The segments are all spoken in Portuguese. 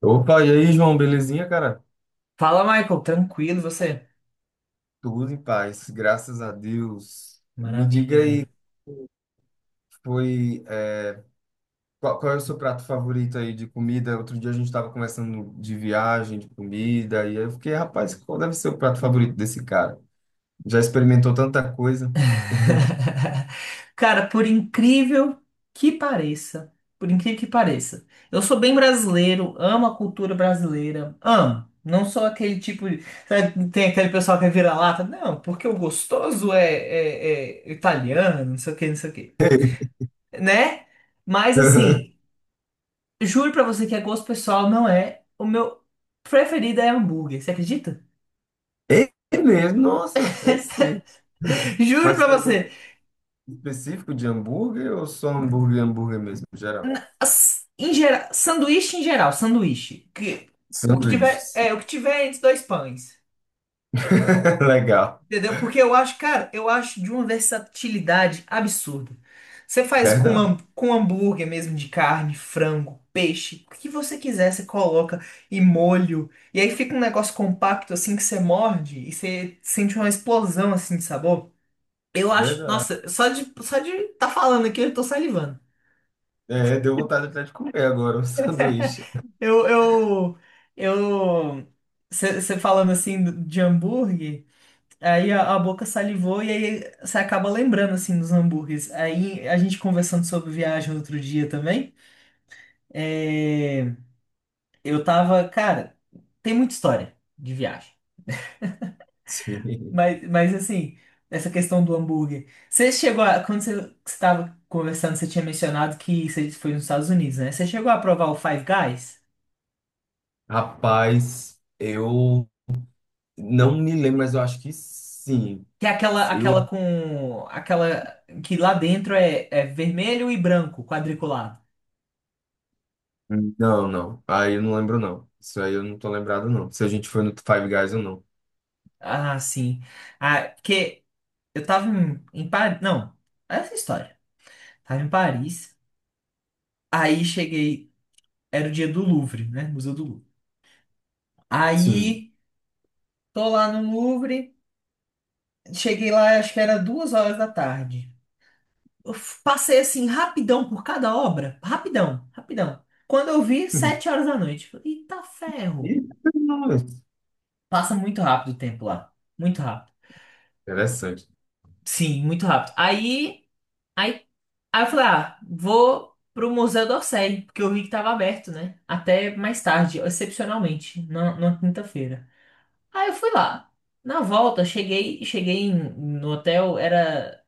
Opa, e aí, João, belezinha, cara? Fala, Michael, tranquilo e você? Tudo em paz, graças a Deus. Me diga Maravilha, aí, velho. foi, é, qual é o seu prato favorito aí de comida? Outro dia a gente estava conversando de viagem, de comida, e aí eu fiquei, rapaz, qual deve ser o prato favorito desse cara? Já experimentou tanta coisa. Cara, que pareça, por incrível que pareça, eu sou bem brasileiro, amo a cultura brasileira, amo. Não sou aquele tipo de. Sabe, tem aquele pessoal que é vira-lata. Não, porque o gostoso é italiano, não sei o que, não sei o que. Né? Mas assim, juro pra você que é gosto pessoal, não é. O meu preferido é hambúrguer, você acredita? É mesmo, nossa, é sim. Juro Mas tem pra algum você. específico de hambúrguer ou só hambúrguer, hambúrguer mesmo, geral? Em geral, sanduíche em geral, sanduíche, que o que tiver, Sanduíches. O que tiver entre dois pães. Legal, Entendeu? Porque eu acho, cara, eu acho de uma versatilidade absurda. Você faz com, verdade, ham- com hambúrguer mesmo de carne, frango, peixe, o que você quiser, você coloca e molho. E aí fica um negócio compacto assim que você morde e você sente uma explosão assim de sabor. Eu acho, verdade. nossa, só de tá falando aqui eu tô salivando. É, deu vontade até de comer agora um sanduíche. Eu, eu, eu, você falando assim de hambúrguer, aí a boca salivou e aí você acaba lembrando assim dos hambúrgueres. Aí a gente conversando sobre viagem outro dia também, é, eu tava, cara, tem muita história de viagem, Sim. mas assim, essa questão do hambúrguer. Você chegou a, quando você estava conversando, você tinha mencionado que você foi nos Estados Unidos, né? Você chegou a provar o Five Guys? Rapaz, eu não me lembro, mas eu acho que sim. Que é aquela, Eu... aquela com. Aquela que lá dentro é vermelho e branco, quadriculado. Não, não. Aí eu não lembro, não. Isso aí eu não tô lembrado, não. Se a gente foi no Five Guys ou não. Ah, sim. Ah, porque eu tava em Paris. Não, essa é a história. Tava em Paris. Aí cheguei. Era o dia do Louvre, né? Museu do Louvre. Sim. Aí tô lá no Louvre. Cheguei lá, acho que era 2 horas da tarde. Eu passei assim, rapidão por cada obra. Rapidão, rapidão. Quando eu vi, sete horas da noite. Falei, "Eita ferro." Ih, Passa muito rápido o tempo lá. Muito rápido. interessante. Sim, muito rápido. Aí, aí, eu falei, ah, vou pro Museu d'Orsay, porque eu vi que tava aberto, né? Até mais tarde, excepcionalmente, na quinta-feira. Aí eu fui lá. Na volta, cheguei no hotel, era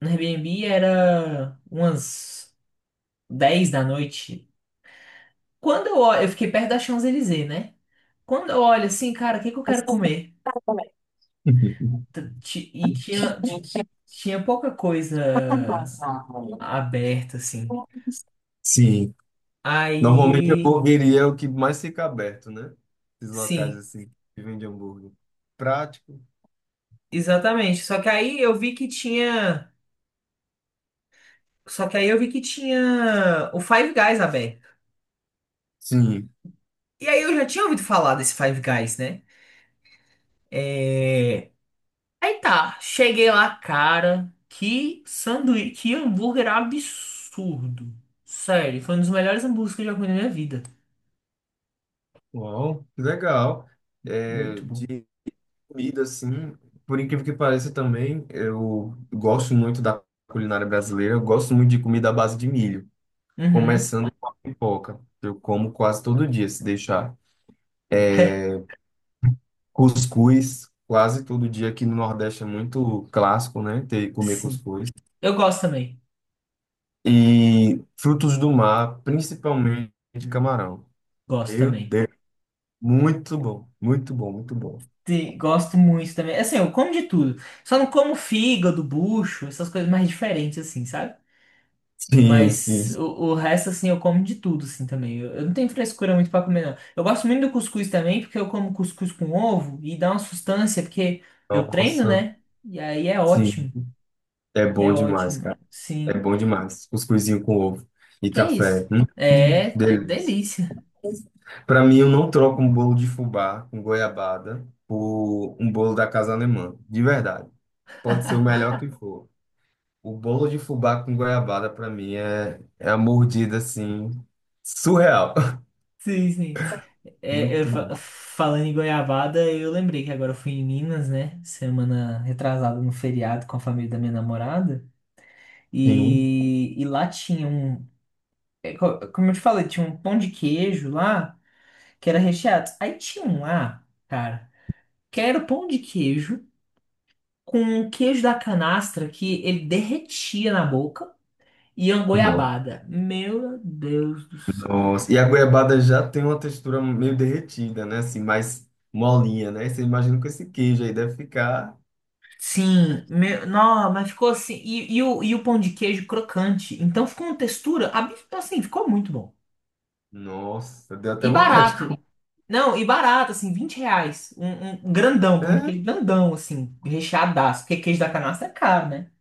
no Airbnb, era umas 10 da noite. Quando eu olho, eu fiquei perto da Champs-Élysées, né? Quando eu olho assim, cara, o que que eu quero comer? E tinha pouca coisa aberta, assim. Sim. Normalmente a Aí, hamburgueria é o que mais fica aberto, né? Esses locais sim, assim que vendem hambúrguer. Prático. exatamente. Só que aí eu vi que tinha o Five Guys aberto. Sim. E aí eu já tinha ouvido falar desse Five Guys, né? É... Aí tá, cheguei lá, cara, que sanduíche, que hambúrguer absurdo. Sério, foi um dos melhores hambúrgueres que eu já comi na minha vida. Uau, que legal. É, Muito bom. de Comida, assim, por incrível que pareça também, eu gosto muito da culinária brasileira, eu gosto muito de comida à base de milho, Uhum. começando com a pipoca. Eu como quase todo dia, se deixar. Cuscuz, quase todo dia aqui no Nordeste é muito clássico, né? Comer Sim. cuscuz. Eu gosto também. E frutos do mar, principalmente Uhum. camarão. Gosto Meu também. Deus, muito bom, muito bom, muito bom. Gosto muito também. Assim, eu como de tudo. Só não como fígado, bucho, essas coisas mais diferentes, assim, sabe? Sim, Mas sim, sim. o resto, assim, eu como de tudo, assim, também. Eu não tenho frescura muito pra comer, não. Eu gosto muito do cuscuz também, porque eu como cuscuz com ovo e dá uma sustância, porque eu treino, Nossa, né? E aí é sim, ótimo. é É bom demais, ótimo, cara. É sim. bom demais. Cuscuzinho com ovo e Que é café. isso? É Delícia. delícia. Para mim, eu não troco um bolo de fubá com goiabada por um bolo da Casa Alemã. De verdade. Pode ser o melhor que for. O bolo de fubá com goiabada, para mim, é a mordida, assim, surreal. Sim, sim. Eu Muito bom. falando em goiabada, eu lembrei que agora eu fui em Minas, né? Semana retrasada no feriado com a família da minha namorada. Sim. E lá tinha um. Como eu te falei, tinha um pão de queijo lá que era recheado. Aí tinha um lá, cara, que era pão de queijo com um queijo da canastra que ele derretia na boca e uma Não. goiabada. Meu Deus do céu. Nossa. E a goiabada já tem uma textura meio derretida, né? Assim, mais molinha, né? Você imagina com esse queijo aí, deve ficar... Sim, meu, não, mas ficou assim. E o pão de queijo crocante. Então ficou uma textura, assim, ficou muito bom. Nossa, deu até E vontade de barato. comer. Não, e barato, assim, R$ 20. Um grandão, pão de queijo grandão, assim, recheadaço. Porque queijo da canastra é caro, né?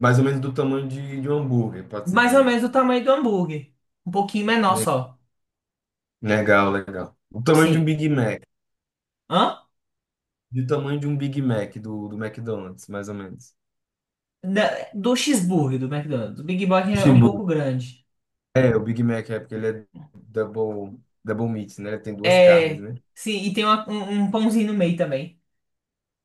Mais ou menos do tamanho de um hambúrguer, pode-se Mais ou dizer. menos o tamanho do hambúrguer. Um pouquinho menor Le- só. Legal, legal. O tamanho de um Sim. Big Mac. Hã? Do tamanho de um Big Mac do, do McDonald's, mais ou menos. Do cheeseburger do McDonald's. O Big Mac O é um cheeseburger. pouco grande. É, o Big Mac é porque ele é double, double meat, né? Tem duas carnes, É. né? Sim, e tem um pãozinho no meio também.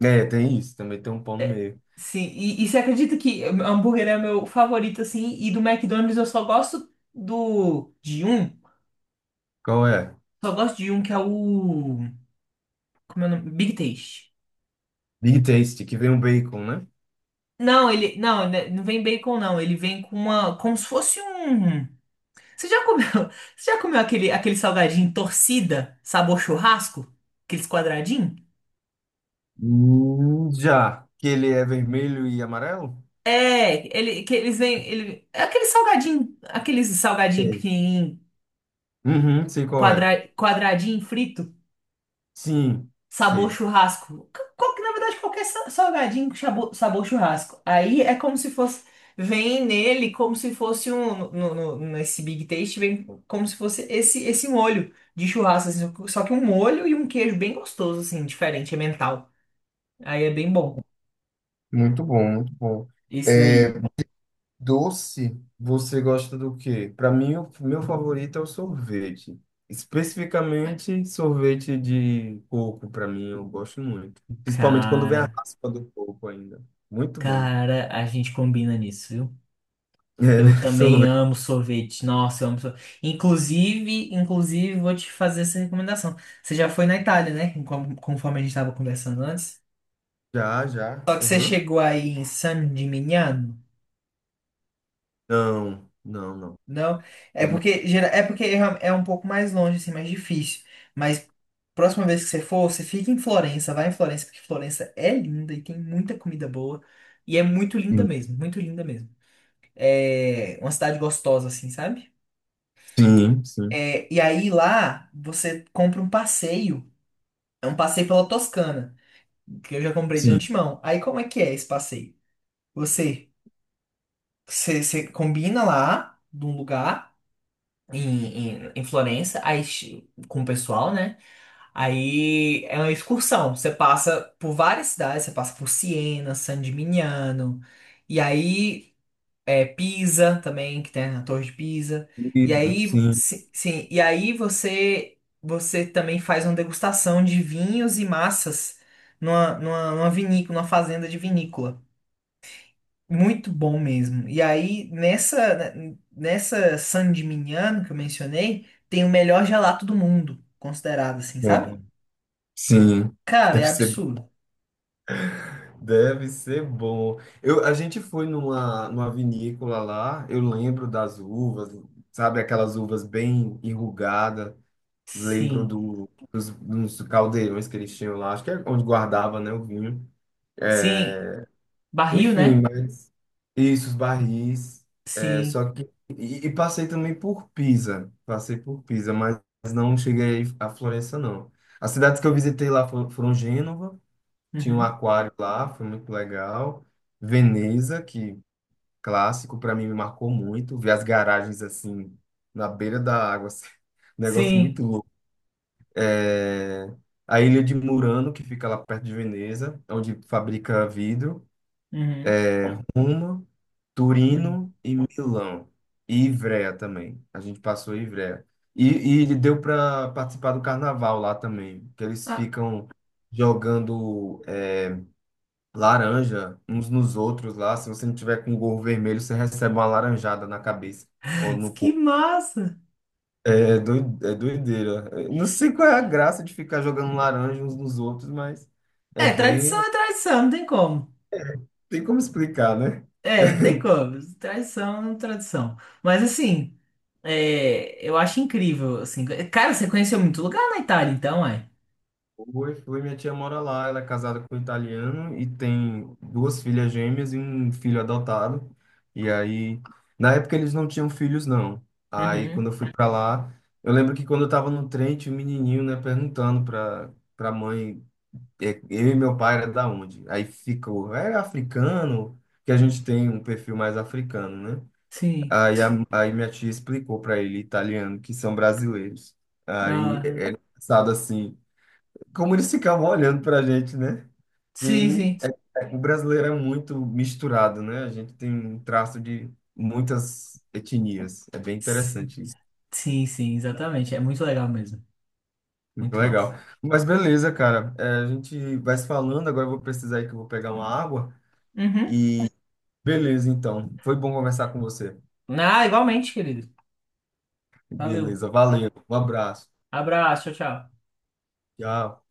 É, tem isso. Também tem um pão no meio. Sim, e você acredita que hambúrguer é meu favorito, assim, e do McDonald's eu só gosto do de um, Qual é? só gosto de um que é o, como é o nome? Big Taste. Big Tasty, que vem um bacon, né? Não, ele, não, né, não vem bacon não, ele vem com uma, como se fosse um, você já comeu, você já comeu aquele salgadinho torcida, sabor churrasco? Aqueles quadradinhos? Já. Que ele é vermelho e amarelo? É, ele, que eles vêm, ele, é aquele salgadinho Sei. pequenininho, Uhum, sei qual é. Quadradinho frito. Sim, Sabor sei. churrasco. Qual que, na verdade, qualquer salgadinho com sabor churrasco. Aí é como se fosse. Vem nele como se fosse um. Nesse Big Taste, vem como se fosse esse, molho de churrasco. Assim, só que um molho e um queijo bem gostoso, assim, diferente, é mental. Aí é bem bom. Muito bom, muito bom. Esse É, daí. doce, você gosta do quê? Para mim, o meu favorito é o sorvete. Especificamente, sorvete de coco, para mim, eu gosto muito. Principalmente quando vem a Cara, raspa do coco ainda. Muito bom. cara, a gente combina nisso, viu? É, né? Eu também Sorvete. amo sorvete. Nossa, eu amo sorvete. Inclusive, vou te fazer essa recomendação. Você já foi na Itália, né? Conforme a gente estava conversando antes. Já, já. Só que você Aham. chegou aí em San Gimignano, Não, não, não. não? É Não me- porque, gera- é porque é é um pouco mais longe, assim, mais difícil. Mas próxima vez que você for, você fica em Florença, vai em Florença, porque Florença é linda e tem muita comida boa. E é muito linda mesmo, muito linda mesmo. É uma cidade gostosa, assim, sabe? Sim, sim, É, e aí lá você compra um passeio. É um passeio pela Toscana, que eu já comprei de sim. antemão. Aí como é que é esse passeio? Você, você combina lá num lugar em Florença, aí com o pessoal, né? Aí é uma excursão. Você passa por várias cidades, você passa por Siena, San Gimignano, e aí Pisa também, que tem a Torre de Pisa. Sim, E sim. aí, Sim. Sim, e aí você também faz uma degustação de vinhos e massas numa vinícola, numa fazenda de vinícola. Muito bom mesmo. E aí, nessa San Gimignano que eu mencionei, tem o melhor gelato do mundo, considerado assim, sabe? Uau. Sim. Cara, Deve é ser absurdo. Deve ser bom. Eu, a gente foi numa, numa vinícola lá, eu lembro das uvas, sabe, aquelas uvas bem enrugadas, lembro Sim. do, dos, dos caldeirões que eles tinham lá, acho que é onde guardava, né, o vinho. Sim. Barril, Enfim, né? mas isso, os barris, é, Sim. só que... E, e passei também por Pisa, passei por Pisa, mas não cheguei a Florença, não. As cidades que eu visitei lá foram, foram Gênova, tinha um Uhum. aquário lá, foi muito legal. Veneza, que clássico, para mim me marcou muito. Ver as garagens assim, na beira da água, assim, um negócio muito Sim. louco. É, a ilha de Murano, que fica lá perto de Veneza, onde fabrica vidro. Uhum. Roma, Uhum. Turino e Milão. E Ivrea também. A gente passou em Ivrea. E deu para participar do carnaval lá também, que eles Ah, ficam jogando. É, laranja uns nos outros lá. Se você não tiver com gorro vermelho, você recebe uma laranjada na cabeça ou no que corpo. massa! É, é doideira. Eu não sei qual é a graça de ficar jogando laranja uns nos outros, mas é bem. É tradição, não tem como. Tem como explicar, né? É, não tem como. Tradição é tradição. Mas assim, eu acho incrível, assim. Cara, você conheceu muito lugar na Itália, então, é? Foi minha tia mora lá, ela é casada com um italiano e tem duas filhas gêmeas e um filho adotado. E aí, na época eles não tinham filhos, não. Aí, quando Uhum. eu fui pra lá, eu lembro que quando eu tava no trem, tinha um menininho, né, perguntando pra mãe, é, eu e meu pai era da onde? Aí ficou, é africano, que a gente tem um perfil mais africano, né? Sim. Aí minha tia explicou pra ele, italiano, que são brasileiros. Aí, é Aham. é engraçado assim como eles ficavam olhando para a gente, né? Sim, Que sim. o brasileiro é muito misturado, né? A gente tem um traço de muitas etnias. É bem Sim, interessante isso. sim, sim, exatamente. É muito legal mesmo. Muito Muito legal. massa. Mas beleza, cara. É, a gente vai se falando. Agora eu vou precisar ir que eu vou pegar uma água. Uhum. E beleza, então. Foi bom conversar com você. Ah, igualmente, querido. Valeu. Beleza, valeu. Um abraço. Abraço, tchau, tchau. Tchau.